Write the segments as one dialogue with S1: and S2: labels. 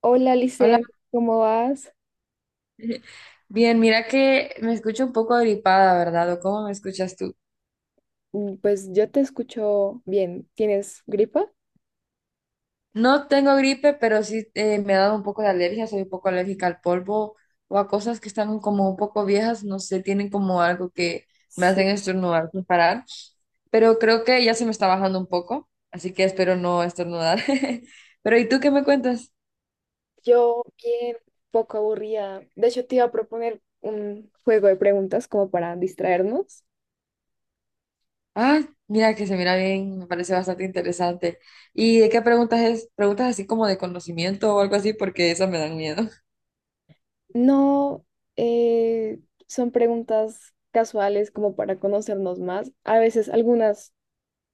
S1: Hola,
S2: Hola,
S1: Lice, ¿cómo vas?
S2: bien, mira que me escucho un poco gripada, ¿verdad? ¿O cómo me escuchas tú?
S1: Mm, pues yo te escucho bien. ¿Tienes gripa?
S2: No tengo gripe, pero sí me ha dado un poco de alergia, soy un poco alérgica al polvo o a cosas que están como un poco viejas, no sé, tienen como algo que me
S1: Sí,
S2: hacen estornudar sin parar, pero creo que ya se me está bajando un poco, así que espero no estornudar. Pero ¿y tú qué me cuentas?
S1: yo bien, poco aburrida. De hecho, te iba a proponer un juego de preguntas como para distraernos.
S2: Ah, mira que se mira bien, me parece bastante interesante. ¿Y de qué preguntas es? ¿Preguntas así como de conocimiento o algo así? Porque esas me dan miedo.
S1: No, eh, son preguntas casuales como para conocernos más. A veces algunas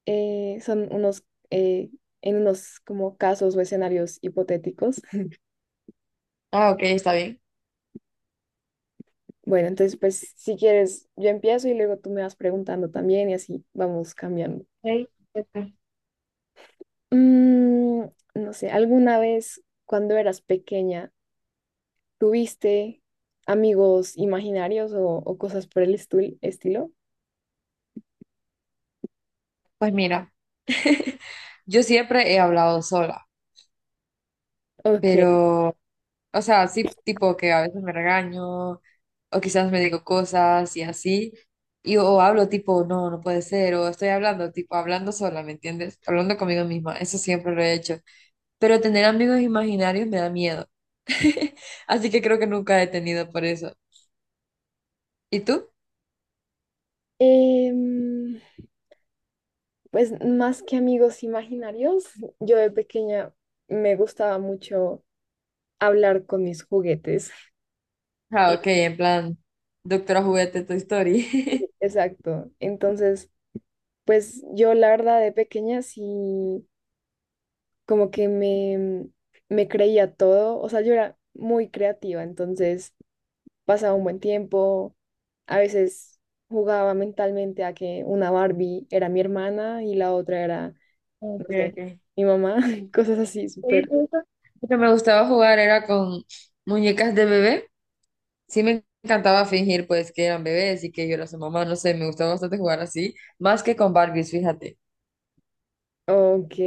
S1: eh, son unos, eh, en unos como casos o escenarios hipotéticos.
S2: Ah, ok, está bien.
S1: Bueno, entonces, pues si quieres, yo empiezo y luego tú me vas preguntando también y así vamos cambiando.
S2: Ok, ¿qué?
S1: Mm, no sé, ¿alguna vez cuando eras pequeña tuviste amigos imaginarios o cosas por el estilo?
S2: Pues mira, yo siempre he hablado sola,
S1: Ok.
S2: pero, o sea, sí, tipo que a veces me regaño o quizás me digo cosas y así, y o hablo tipo, no, no puede ser, o estoy hablando, tipo, hablando sola, ¿me entiendes? Hablando conmigo misma, eso siempre lo he hecho, pero tener amigos imaginarios me da miedo, así que creo que nunca he tenido por eso. ¿Y tú?
S1: Em, pues más que amigos imaginarios, yo de pequeña me gustaba mucho hablar con mis juguetes.
S2: Ah, ok, en plan, doctora juguete, Toy Story.
S1: Exacto. Entonces, pues yo la verdad de pequeña sí. Como que me creía todo, o sea, yo era muy creativa, entonces pasaba un buen tiempo, a veces jugaba mentalmente a que una Barbie era mi hermana y la otra era,
S2: Ok,
S1: no sé,
S2: ok.
S1: mi mamá, cosas así,
S2: Sí,
S1: súper,
S2: justo. Lo que me gustaba jugar era con muñecas de bebé. Sí me encantaba fingir pues que eran bebés y que yo era su mamá, no sé, me gustaba bastante jugar así, más que con Barbies, fíjate.
S1: ok,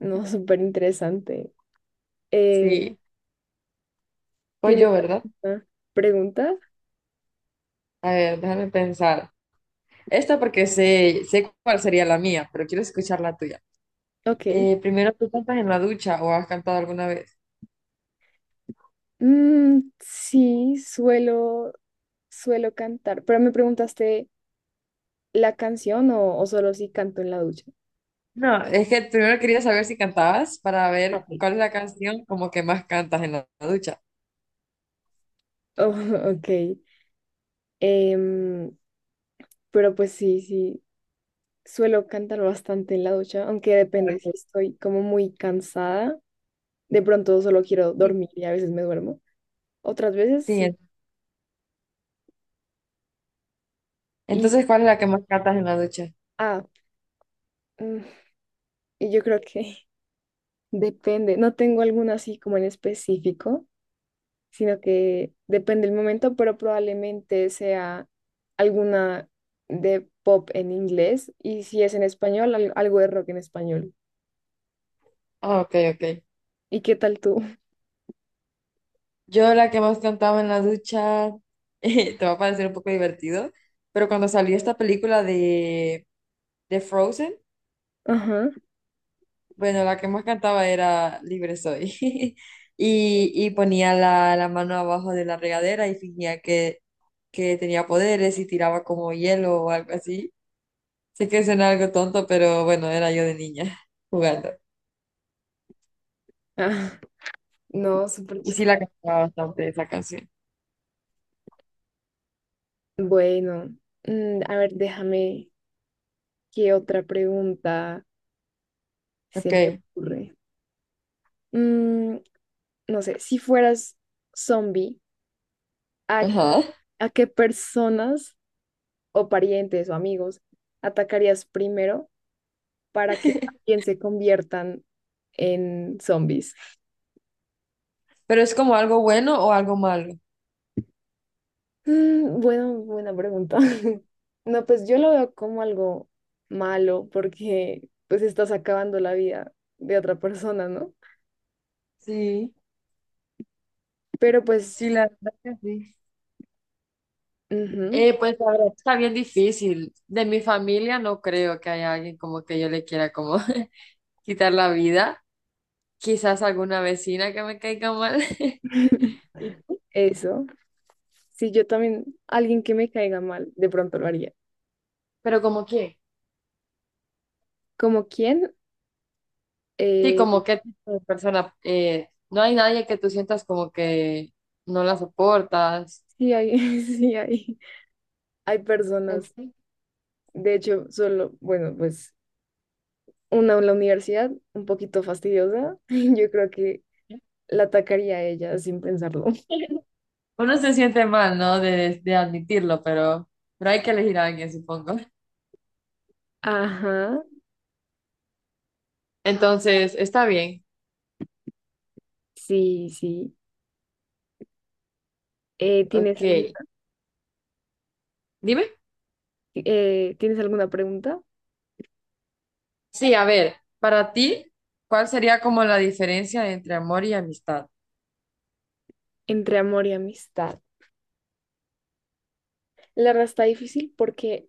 S1: no, súper interesante. Eh,
S2: Sí, pues
S1: ¿Tienes
S2: yo, ¿verdad?
S1: alguna pregunta?
S2: A ver, déjame pensar. Esta porque sé cuál sería la mía, pero quiero escuchar la tuya.
S1: Ok.
S2: Primero, ¿tú cantas en la ducha o has cantado alguna vez?
S1: Mm, sí, suelo cantar, pero me preguntaste la canción o solo si canto en la ducha.
S2: No, es que primero quería saber si cantabas para ver
S1: Ok.
S2: cuál es la canción como que más cantas en la ducha.
S1: Oh, ok. Em, pero pues sí, sí, suelo cantar bastante en la ducha, aunque depende
S2: Ok.
S1: si estoy como muy cansada. De pronto solo quiero dormir y a veces me duermo. Otras veces sí.
S2: Sí,
S1: Y,
S2: entonces, ¿cuál es la que más cantas en la ducha?
S1: ah, mm, y yo creo que depende. No tengo alguna así como en específico, sino que depende el momento, pero probablemente sea alguna de pop en inglés y si es en español, algo de rock en español.
S2: Ah, ok, ok.
S1: ¿Y qué tal tú?
S2: Yo la que más cantaba en la ducha, te va a parecer un poco divertido, pero cuando salió esta película de Frozen,
S1: Ajá.
S2: bueno, la que más cantaba era Libre Soy. Y, y ponía la mano abajo de la regadera y fingía que tenía poderes y tiraba como hielo o algo así. Sé que suena algo tonto, pero bueno, era yo de niña jugando.
S1: Ah, no, súper
S2: Y sí la
S1: chistoso.
S2: cantaba bastante esa canción.
S1: Bueno, a ver, ¿qué otra pregunta se
S2: Ok,
S1: me ocurre? Mm, no sé, si fueras zombie, ¿a,
S2: ajá.
S1: a qué personas o parientes o amigos atacarías primero para que también se conviertan en zombies?
S2: Pero es como algo bueno o algo malo.
S1: Mm, bueno, buena pregunta. No, pues yo lo veo como algo malo porque pues estás acabando la vida de otra persona, ¿no?
S2: Sí,
S1: Pero pues,
S2: sí, la verdad que sí.
S1: ujú,
S2: Pues la verdad está bien difícil. De mi familia no creo que haya alguien como que yo le quiera como quitar la vida. Quizás alguna vecina que me caiga mal. Y-
S1: eso. Sí, yo también, alguien que me caiga mal, de pronto lo haría.
S2: Pero como que,
S1: ¿Como quién?
S2: sí,
S1: Eh,
S2: como qué tipo de persona. No hay nadie que tú sientas como que no la soportas.
S1: sí hay, sí hay
S2: En
S1: personas.
S2: fin,
S1: De hecho, solo, bueno, pues una en la universidad, un poquito fastidiosa. Yo creo que la atacaría a ella sin pensarlo.
S2: uno se siente mal, ¿no? De admitirlo, pero hay que elegir a alguien, supongo.
S1: Ajá.
S2: Entonces, está bien.
S1: Sí, sí. Eh, ¿tienes
S2: Ok,
S1: alguna,
S2: dime.
S1: ¿Tienes alguna pregunta?
S2: Sí, a ver, para ti, ¿cuál sería como la diferencia entre amor y amistad?
S1: Entre amor y amistad. La verdad está difícil porque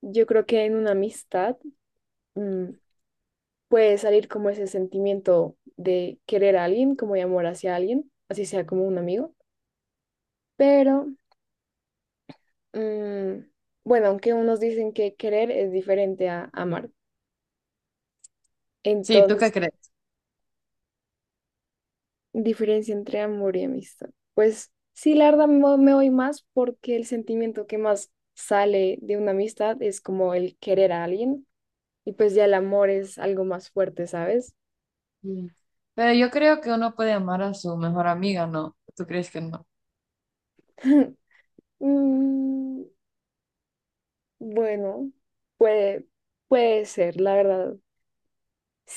S1: yo creo que en una amistad mm, puede salir como ese sentimiento de querer a alguien, como de amor hacia alguien, así sea como un amigo. Pero mm, bueno, aunque unos dicen que querer es diferente a amar.
S2: Sí, ¿tú qué
S1: Entonces.
S2: crees?
S1: Diferencia entre amor y amistad. Pues sí, la verdad me voy más porque el sentimiento que más sale de una amistad es como el querer a alguien y pues ya el amor es algo más fuerte, ¿sabes?
S2: Mm. Pero yo creo que uno puede amar a su mejor amiga, ¿no? ¿Tú crees que no?
S1: Mm, bueno, puede, puede ser, la verdad.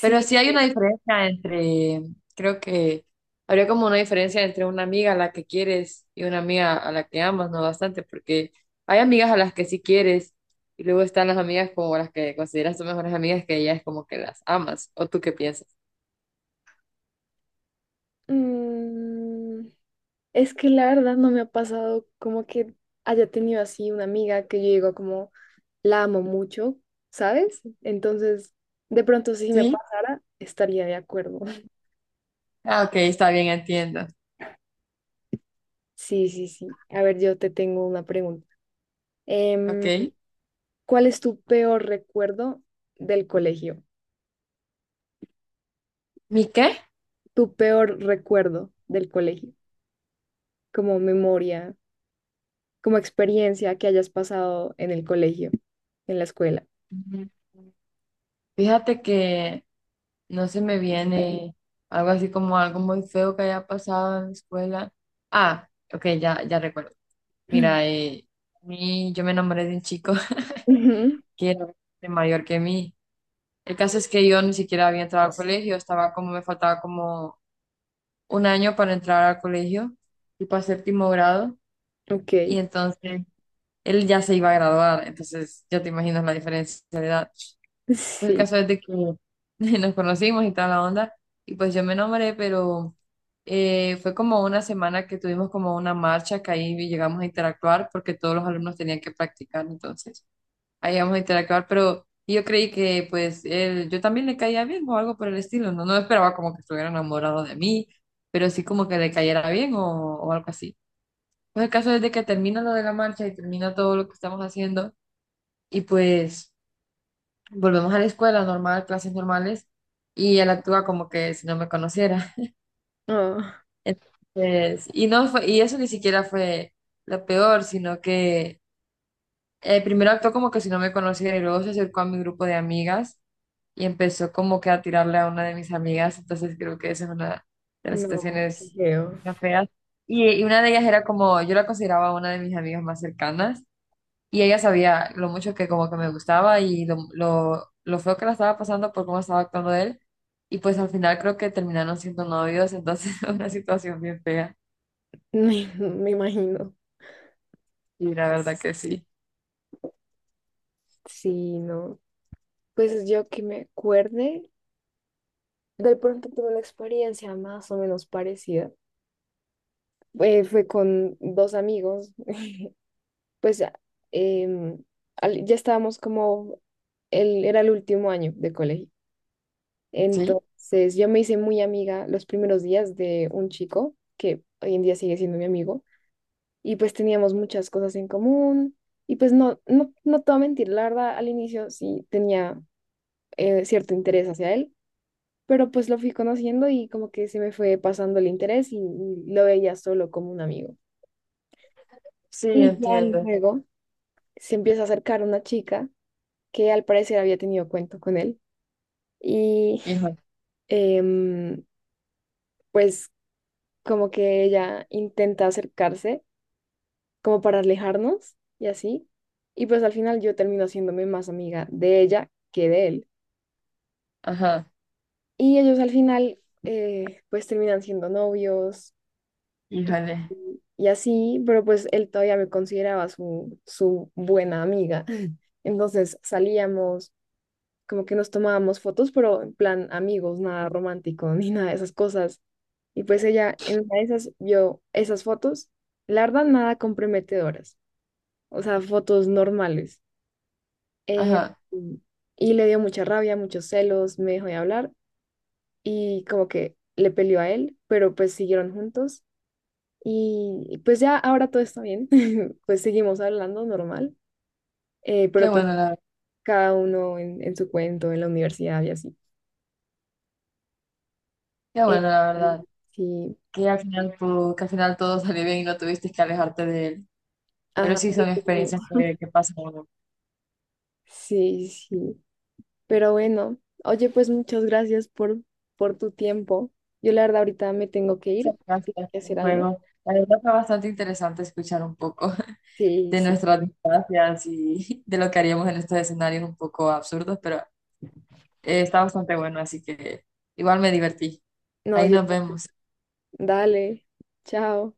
S2: Pero sí hay una diferencia entre, creo que habría como una diferencia entre una amiga a la que quieres y una amiga a la que amas, ¿no? Bastante, porque hay amigas a las que sí quieres y luego están las amigas como las que consideras tus mejores amigas que ya es como que las amas, ¿o tú qué piensas?
S1: mm, es que la verdad no me ha pasado como que haya tenido así una amiga que yo digo como... la amo mucho, ¿sabes? Entonces, de pronto si me
S2: Sí.
S1: pasara, estaría de acuerdo.
S2: Ah, ok, está bien, entiendo.
S1: Sí, sí, sí. A ver, yo te tengo una pregunta. Em,
S2: Ok.
S1: ¿Cuál es tu peor recuerdo del colegio?
S2: ¿Mi qué?
S1: Tu peor recuerdo del colegio, como memoria, como experiencia que hayas pasado en el colegio, en la escuela.
S2: Ujú. Fíjate que no se me viene algo así como algo muy feo que haya pasado en la escuela. Ah, ok, ya, ya recuerdo. Mira, yo me enamoré de un chico
S1: Ujú,
S2: que era bastante mayor que mí. El caso es que yo ni siquiera había entrado al colegio, estaba como, me faltaba como un año para entrar al colegio, tipo a séptimo grado,
S1: ok,
S2: y entonces él ya se iba a graduar, entonces ya te imaginas la diferencia de edad. Pues el
S1: sí.
S2: caso es de que nos conocimos y toda la onda, y pues yo me nombré, pero fue como una semana que tuvimos como una marcha que ahí llegamos a interactuar porque todos los alumnos tenían que practicar, entonces ahí llegamos a interactuar, pero yo creí que pues él, yo también le caía bien o algo por el estilo, no, no esperaba como que estuviera enamorado de mí, pero sí como que le cayera bien o algo así. Pues el caso es de que termina lo de la marcha y termina todo lo que estamos haciendo, y pues... Volvemos a la escuela normal, clases normales, y él actúa como que si no me conociera.
S1: Ah,
S2: Entonces, y no fue, y eso ni siquiera fue lo peor, sino que primero actuó como que si no me conociera y luego se acercó a mi grupo de amigas y empezó como que a tirarle a una de mis amigas, entonces creo que esa es una de las
S1: no, qué
S2: situaciones
S1: feo.
S2: más feas. Y una de ellas era como, yo la consideraba una de mis amigas más cercanas. Y ella sabía lo mucho que como que me gustaba y lo feo que la estaba pasando por cómo estaba actuando él. Y pues al final creo que terminaron siendo novios, entonces una situación bien fea.
S1: Me imagino.
S2: Y la verdad que sí.
S1: Sí, no. Pues yo que me acuerde, de pronto tuve una experiencia más o menos parecida. Fue con dos amigos, pues ya, em, ya estábamos como, el, era el último año de colegio.
S2: Sí,
S1: Entonces yo me hice muy amiga los primeros días de un chico que hoy en día sigue siendo mi amigo y pues teníamos muchas cosas en común y pues no te voy a mentir, la verdad al inicio sí tenía cierto interés hacia él pero pues lo fui conociendo y como que se me fue pasando el interés y lo veía solo como un amigo.
S2: sí,
S1: Y ya
S2: entiendo.
S1: luego se empieza a acercar una chica que al parecer había tenido cuento con él y
S2: Híjole,
S1: em, pues como que ella intenta acercarse como para alejarnos y así. Y pues al final yo termino haciéndome más amiga de ella que de él.
S2: ajá,
S1: Y ellos al final pues terminan siendo novios. Y,
S2: híjole,
S1: y así, pero pues él todavía me consideraba su buena amiga. Entonces salíamos, como que nos tomábamos fotos, pero en plan amigos, nada romántico ni nada de esas cosas. Y pues ella en una de esas vio esas fotos, la verdad, nada comprometedoras, o sea, fotos normales. Eh,
S2: ajá.
S1: mm, y le dio mucha rabia, muchos celos, me dejó de hablar y como que le peleó a él, pero pues siguieron juntos. Y pues ya ahora todo está bien, pues seguimos hablando normal,
S2: Qué
S1: pero pues
S2: bueno la,
S1: cada uno en su cuento, en la universidad y así.
S2: qué
S1: Eh,
S2: bueno la verdad.
S1: sí,
S2: Que al final, que al final todo salió bien y no tuviste que alejarte de él. Pero
S1: ajá,
S2: sí son experiencias que pasan a uno.
S1: sí, sí. Pero bueno, oye, pues muchas gracias por tu tiempo. Yo la verdad ahorita me tengo que ir,
S2: Muchas
S1: tengo
S2: gracias
S1: que
S2: por
S1: hacer
S2: el
S1: algo.
S2: juego. La verdad fue bastante interesante escuchar un poco
S1: Sí,
S2: de
S1: sí.
S2: nuestras distancias y de lo que haríamos en estos escenarios un poco absurdos, pero está bastante bueno, así que igual me divertí.
S1: No,
S2: Ahí
S1: yo,
S2: nos vemos.
S1: dale, chao.